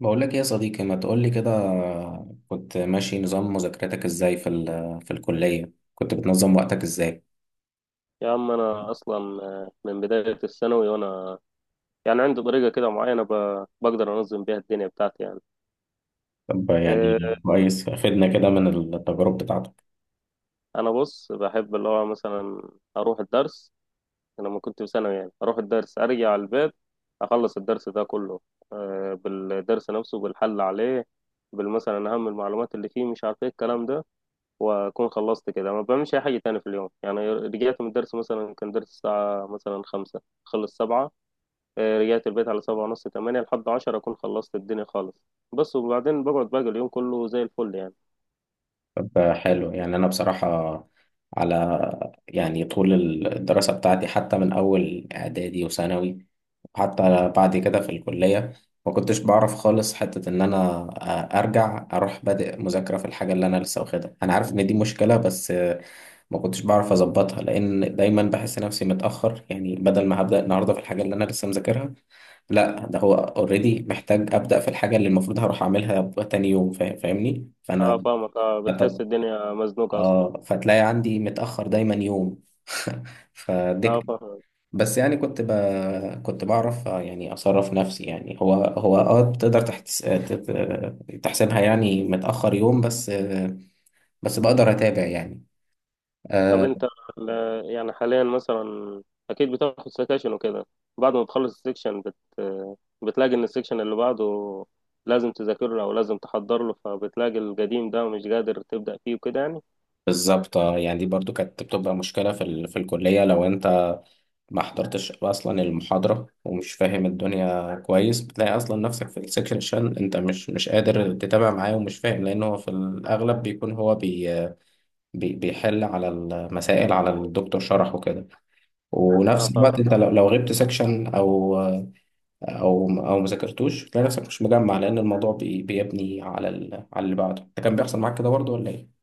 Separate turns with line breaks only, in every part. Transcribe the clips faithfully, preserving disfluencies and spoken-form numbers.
بقول لك ايه يا صديقي، ما تقول لي كده؟ كنت ماشي نظام مذاكرتك ازاي في ال- في الكلية؟ كنت بتنظم وقتك ازاي؟
يا عم انا اصلا آه، من بدايه الثانوي وانا يعني عندي طريقه كده معينه ب- بقدر انظم بيها الدنيا بتاعتي يعني.
طب
آه،
يعني كويس، فدنا كده من التجارب بتاعتك.
انا بص بحب اللي هو مثلا اروح الدرس. أنا لما كنت في ثانوي يعني اروح الدرس ارجع على البيت اخلص الدرس ده كله، آه، بالدرس نفسه بالحل عليه بالمثلا اهم المعلومات اللي فيه مش عارف ايه الكلام ده. واكون خلصت كده ما بعملش اي حاجه تاني في اليوم. يعني رجعت من الدرس مثلا كان درس الساعه مثلا خمسة خلص سبعة، آه، رجعت البيت على سبعة ونص تمانية، لحد عشرة أكون خلصت الدنيا خالص. بس وبعدين بقعد باقي اليوم كله زي الفل يعني.
طب حلو، يعني انا بصراحة، على، يعني طول الدراسة بتاعتي، حتى من اول اعدادي وثانوي، حتى بعد كده في الكلية، ما كنتش بعرف خالص حتة ان انا ارجع اروح بادئ مذاكرة في الحاجة اللي انا لسه واخدها. انا عارف ان دي مشكلة، بس ما كنتش بعرف اظبطها، لان دايما بحس نفسي متاخر. يعني بدل ما هبدا النهارده في الحاجه اللي انا لسه مذاكرها، لا، ده هو اوريدي محتاج ابدا في الحاجه اللي المفروض هروح اعملها تاني يوم. فا- فاهمني؟
اه،
فانا
فاهمك اه،
فت-
بتحس الدنيا مزنوقة أصلا.
اه فتلاقي عندي متاخر دايما يوم. فدي
اه،
كانت-
فاهمك.
بس يعني كنت ب... كنت بعرف، آه، يعني اصرف نفسي. يعني هو هو اه تقدر تحتس... تت- تحسبها يعني متاخر يوم بس، آه، بس بقدر اتابع يعني.
طب
آه.
أنت ال- يعني حاليا مثلا أكيد بتاخد سكاشن وكده، بعد ما بتخلص السكشن بت بتلاقي إن السكشن اللي بعده لازم تذاكر له أو لازم تحضر له، فبتلاقي القديم ده مش قادر تبدأ فيه وكده يعني.
بالظبط، آه، يعني دي برضو كانت بتبقى مشكلة في ال... في الكلية. لو انت ما حضرتش اصلا المحاضرة ومش فاهم الدنيا كويس، بتلاقي اصلا نفسك في السكشن انت مش مش قادر تتابع معاه ومش فاهم، لان هو في الاغلب بيكون هو بي... بي... بيحل على المسائل على الدكتور شرح وكده،
اه،
ونفس
فاهمك.
الوقت انت لو, لو غبت سكشن او او او ما ذاكرتوش تلاقي نفسك مش مجمع، لان الموضوع بي... بيبني على ال... على اللي بعده. ده كان بيحصل معاك كده برضو ولا ايه؟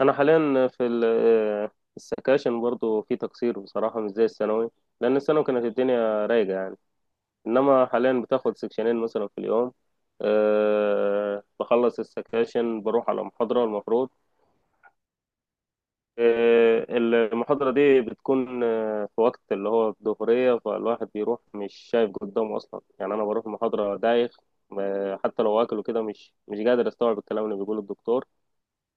انا حاليا في ال- في السكاشن برضو في تقصير بصراحه، مش زي الثانوي. لان الثانوي كانت الدنيا رايقه يعني، انما حاليا بتاخد سكشنين مثلا في اليوم. أه، بخلص السكاشن بروح على محاضره المفروض. أه، المحاضره دي بتكون آه، في وقت اللي هو الظهريه، فالواحد بيروح مش شايف قدامه اصلا يعني، انا بروح محاضره دايخ. آه، حتى لو واكل وكده مش مش قادر استوعب الكلام اللي بيقوله الدكتور.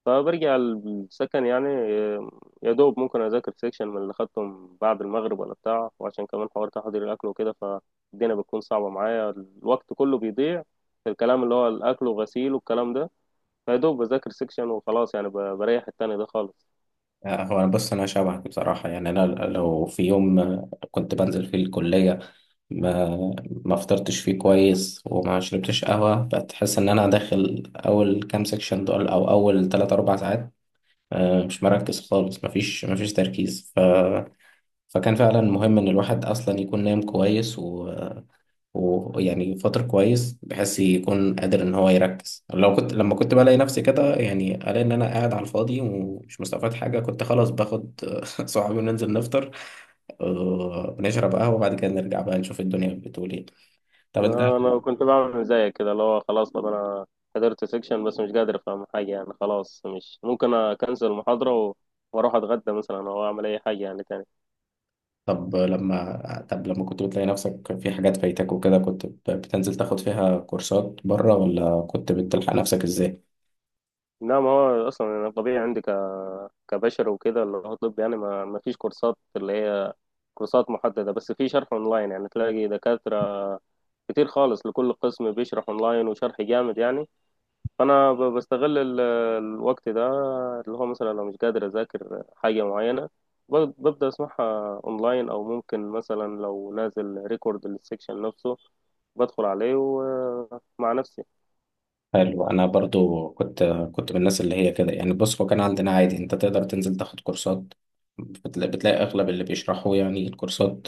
فبرجع السكن يعني، آه، يا دوب ممكن أذاكر سيكشن من اللي خدتهم بعد المغرب ولا بتاع. وعشان كمان حوار تحضير الأكل وكده فالدنيا بتكون صعبة معايا، الوقت كله بيضيع في الكلام اللي هو الأكل وغسيل والكلام ده. فيا دوب بذاكر سيكشن وخلاص يعني، ب- بريح التاني ده خالص.
آه، هو أنا، بص، أنا شبهك بصراحة. يعني أنا لو في يوم آه، كنت بنزل فيه الكلية ما ما فطرتش فيه كويس وما شربتش قهوة، بتحس إن أنا داخل أول كام سكشن دول أو أول تلات أربع ساعات آه، مش مركز خالص، مفيش مفيش تركيز. ف... فكان فعلا مهم إن الواحد أصلا يكون نايم كويس، ويعني فترة كويس بحيث يكون قادر إن هو يركز. لو كنت لما كنت بلاقي نفسي كده، يعني ألاقي إن أنا قاعد على الفاضي ومش مستفاد حاجة، كنت خلاص باخد صحابي وننزل نفطر، آه، نشرب قهوة، وبعد كده نرجع بقى نشوف الدنيا بتقول إيه. طب أنت
ما أنا كنت بعمل زيك كده، اللي هو خلاص طب أنا حضرت سيكشن بس مش قادر أفهم حاجة يعني خلاص، مش ممكن أكنسل المحاضرة و- وأروح أتغدى مثلا أو أعمل أي حاجة يعني تاني.
طب لما طب لما كنت بتلاقي نفسك في حاجات فايتك وكده، كنت بتنزل تاخد فيها كورسات بره ولا كنت بتلحق نفسك إزاي؟
لا، ما هو اصلا انا طبيعي عندي ك... كبشر وكده. اللي هو طب يعني ما... ما فيش كورسات اللي هي كورسات محدده، بس في شرح اونلاين يعني، تلاقي دكاتره كتير خالص لكل قسم بيشرح اونلاين وشرح جامد يعني. فانا ب... بستغل ال... الوقت ده اللي هو مثلا لو مش قادر اذاكر حاجه معينه ب... ببدا اسمعها اونلاين، او ممكن مثلا لو نازل ريكورد للسكشن نفسه بدخل عليه ومع نفسي.
حلو. انا برضو كنت كنت من الناس اللي هي كده. يعني بص، هو كان عندنا عادي انت تقدر تنزل تاخد كورسات، بتلاقي, بتلاقي اغلب اللي بيشرحوا يعني الكورسات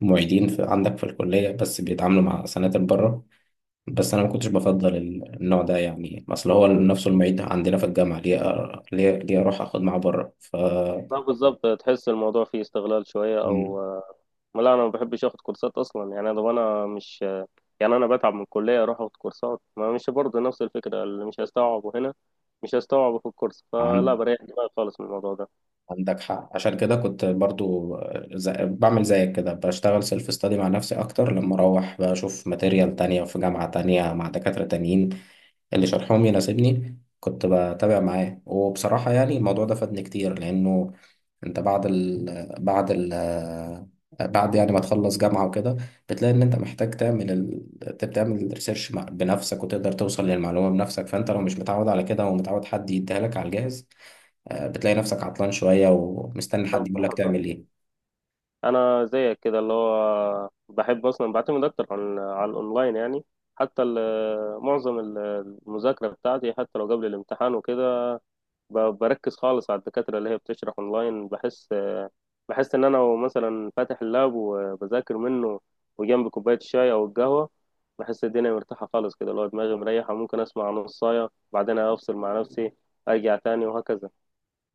معيدين في عندك في الكلية، بس بيتعاملوا مع سناتر بره. بس انا ما كنتش بفضل ال- النوع ده، يعني اصل هو نفسه المعيد عندنا في الجامعة، ليه أ- ليه ليه اروح اخد معاه بره؟ ف
لا بالظبط، تحس الموضوع فيه استغلال شويه او.
مم.
لا انا ما بحبش اخد كورسات اصلا يعني، انا انا مش يعني، انا بتعب من الكليه اروح اخد كورسات، ما مش برضه نفس الفكره، اللي مش هستوعبه هنا مش هستوعبه في الكورس، فلا
عن-
بريح دماغي خالص من الموضوع ده.
عندك حق. عشان كده كنت برضو زي... بعمل زيك كده، بشتغل سيلف ستادي مع نفسي اكتر. لما اروح بشوف ماتيريال تانية في جامعة تانية مع دكاترة تانيين اللي شرحهم يناسبني، كنت بتابع معاه. وبصراحة يعني الموضوع ده فادني كتير، لانه انت بعد ال... بعد ال... بعد، يعني ما تخلص جامعة وكده، بتلاقي ان انت محتاج تعمل ال... تعمل ريسيرش بنفسك وتقدر توصل للمعلومة بنفسك، فانت لو مش متعود على كده ومتعود حد يديها لك على الجاهز، آه، بتلاقي نفسك عطلان شوية ومستني حد
طب
يقول لك
حصل
تعمل ايه.
انا زيك كده، اللي هو بحب اصلا بعتمد اكتر عن على الاونلاين يعني. حتى ال- معظم ال- المذاكره بتاعتي حتى لو قبل الامتحان وكده ب- بركز خالص على الدكاترة اللي هي بتشرح اونلاين. بحس بحس ان انا لو مثلا فاتح اللاب وبذاكر منه وجنبي كوباية الشاي او القهوة، بحس الدنيا مرتاحة خالص كده. لو دماغي مريحة ممكن اسمع نصاية بعدين افصل مع نفسي ارجع تاني وهكذا.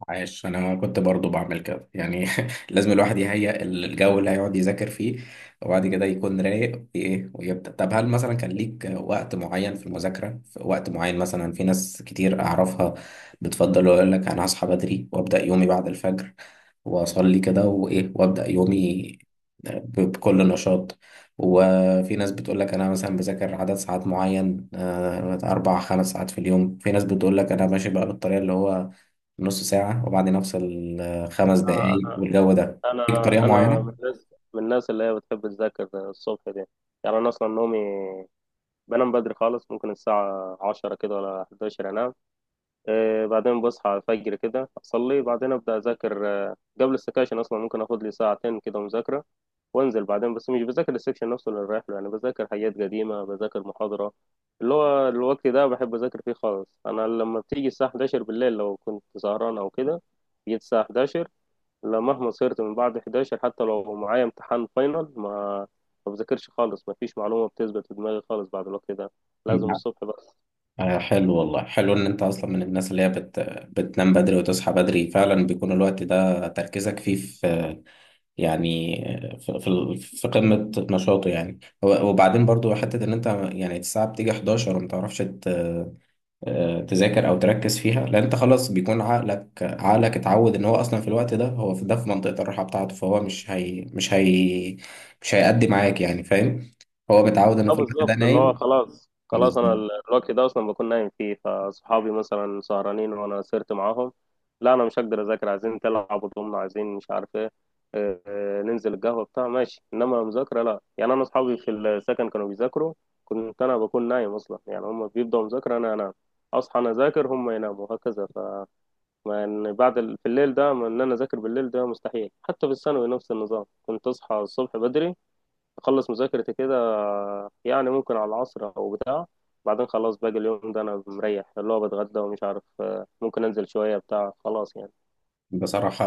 عاش. انا كنت برضو بعمل كده يعني. لازم الواحد يهيئ الجو اللي هيقعد يذاكر فيه، وبعد كده يكون رايق وايه ويبدأ. طب هل مثلا كان ليك وقت معين في المذاكرة؟ في وقت معين مثلا، في ناس كتير اعرفها بتفضل يقول لك انا هصحى بدري وابدأ يومي بعد الفجر، واصلي كده وايه وابدأ يومي ب- بكل نشاط. وفي ناس بتقول لك انا مثلا بذاكر عدد ساعات معين، آه، اربع خمس ساعات في اليوم. في ناس بتقول لك انا ماشي بقى بالطريقة اللي هو نص ساعة وبعدين أفصل آه، خمس
انا
دقايق والجو ده. ليك طريقة
انا أنا من
معينة؟
الناس من الناس اللي هي بتحب تذاكر الصبح دي. يعني انا اصلا نومي بنام بدري خالص، ممكن الساعة عشرة كده ولا حداشر انام. آه، بعدين بصحى على الفجر كده أصلي، بعدين أبدأ أذاكر، آه، قبل السكاشن أصلا ممكن أخد لي ساعتين كده مذاكرة وأنزل بعدين. بس مش بذاكر السكشن نفسه اللي رايح له يعني، بذاكر حاجات قديمة، بذاكر محاضرة. اللي هو الوقت ده بحب أذاكر فيه خالص. أنا لما بتيجي الساعة حداشر بالليل لو كنت سهران أو كده جيت الساعة حداشر، لا، مهما صرت من بعد حداشر حتى لو معايا امتحان فاينل ما ما بذاكرش خالص. ما فيش معلومة بتثبت في دماغي خالص بعد الوقت ده، لازم الصبح.
آه، حلو والله. حلو إن أنت أصلا من الناس اللي هي بت... بتنام بدري وتصحى بدري. فعلا بيكون الوقت ده تركيزك فيه في، يعني في, في في قمة نشاطه. يعني و- وبعدين برضو، حتة إن أنت يعني الساعة بتيجي حداشر وما تعرفش آه، تذاكر او تركز فيها، لان انت خلاص بيكون عقلك عقلك اتعود ان هو اصلا في الوقت ده، هو في ده في منطقة الراحة بتاعته، فهو مش هي مش هي مش هيأدي معاك. يعني فاهم؟ هو متعود انه
اه
في الوقت ده
بالظبط، اللي هو
نايم.
خلاص خلاص انا
بالظبط.
ال- الوقت ده اصلا بكون نايم فيه. فاصحابي مثلا سهرانين وانا سهرت معاهم، لا انا مش هقدر اذاكر، عايزين تلعبوا ضمنا، عايزين مش عارف ايه، آه، آه، ننزل القهوه بتاع ماشي، انما مذاكره لا. يعني انا اصحابي في السكن كانوا بيذاكروا كنت انا بكون نايم اصلا يعني، هم بيبداوا مذاكره انا انام، اصحى انا اذاكر هم يناموا وهكذا. فمن بعد ال... في الليل ده، من ان انا اذاكر بالليل ده مستحيل. حتى في الثانوي نفس النظام، كنت اصحى الصبح بدري اخلص مذاكرتي كده يعني ممكن على العصر او بتاع، بعدين خلاص باقي اليوم ده انا مريح، اللي هو بتغدى ومش عارف، آه، ممكن انزل شوية بتاع خلاص يعني.
بصراحة،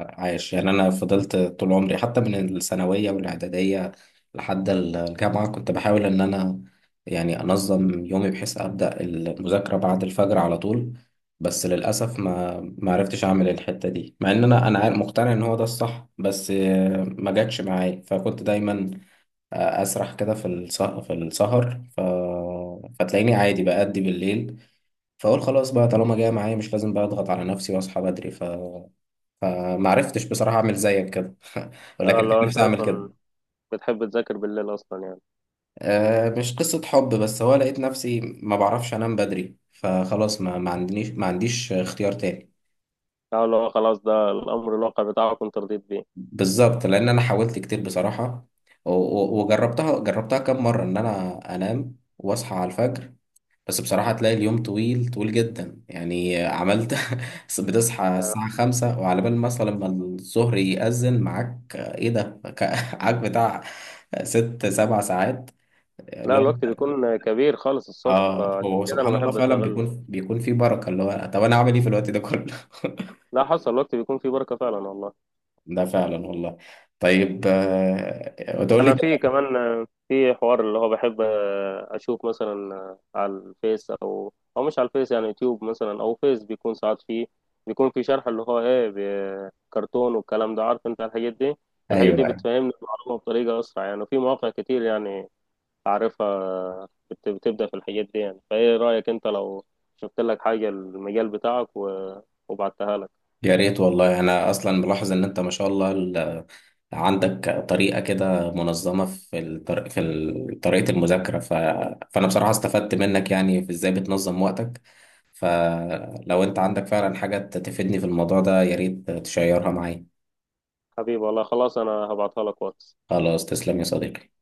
عايش. يعني أنا فضلت طول عمري حتى من الثانوية والإعدادية لحد الجامعة كنت بحاول إن أنا يعني أنظم يومي بحيث أبدأ المذاكرة بعد الفجر على طول. بس للأسف ما ما عرفتش أعمل الحتة دي، مع إن أنا أنا عارف- مقتنع إن هو ده الصح، بس آه، ما جاتش معايا. فكنت دايما آه، أسرح كده في السهر في السهر ف... فتلاقيني عادي بأدي بالليل، فأقول خلاص بقى طالما جاية معايا مش لازم بقى أضغط على نفسي وأصحى بدري. ف فما عرفتش بصراحة أعمل زيك كده. ولكن
آه، لو
كان
انت
نفسي أعمل كده.
اصلا بتحب تذاكر بالليل اصلا يعني.
آه، مش قصة حب، بس هو لقيت نفسي ما بعرفش أنام بدري، فخلاص ما ما عندنيش ما عنديش اختيار تاني.
اه لو خلاص ده الامر الواقع بتاعك وانت رضيت بيه.
بالظبط. لأن أنا حاولت كتير بصراحة، و- و- وجربتها جربتها كام مرة إن أنا أنام وأصحى على الفجر، بس بصراحة تلاقي اليوم طويل طويل جدا. يعني عملت بتصحى
آه،
الساعة خمسة وعلى بال مثلا ما الظهر يأذن معاك، آه، إيه ده؟ معاك بتاع ست سبع ساعات
لا
اللي هو،
الوقت بيكون كبير خالص الصبح،
اه
فعشان
هو
كده انا
سبحان الله
بحب
فعلا
استغله.
بيكون بيكون في بركه. اللي هو، طب انا اعمل ايه في الوقت ده كله؟
لا حصل، الوقت بيكون فيه بركة فعلا والله.
ده فعلا والله. طيب، آه، تقول لي
انا في
كده.
كمان آه، في حوار اللي هو بحب آه، اشوف مثلا آه، على الفيس، او او مش على الفيس يعني، يوتيوب مثلا او فيس، بيكون ساعات فيه بيكون في شرح اللي هو ايه ب- كرتون والكلام ده، عارف انت الحاجات دي. الحاجات دي
ايوه.
بتفهمني المعلومة بطريقة اسرع يعني، وفي مواقع كتير يعني اعرفها آه، بت- بتبدأ في الحاجات دي يعني. فايه رأيك انت لو شفت لك حاجة المجال بتاعك و- وبعتها لك.
يا ريت والله. انا اصلا ملاحظ ان انت ما شاء الله ال- عندك طريقه كده منظمه في الطر... في ال- طريقه المذاكره. ف... فانا بصراحه استفدت منك يعني في ازاي بتنظم وقتك، فلو انت عندك فعلا حاجه تفيدني في الموضوع ده يا ريت تشيرها معايا.
حبيبي والله خلاص انا هبعتها لك واتس.
خلاص، تسلم يا صديقي.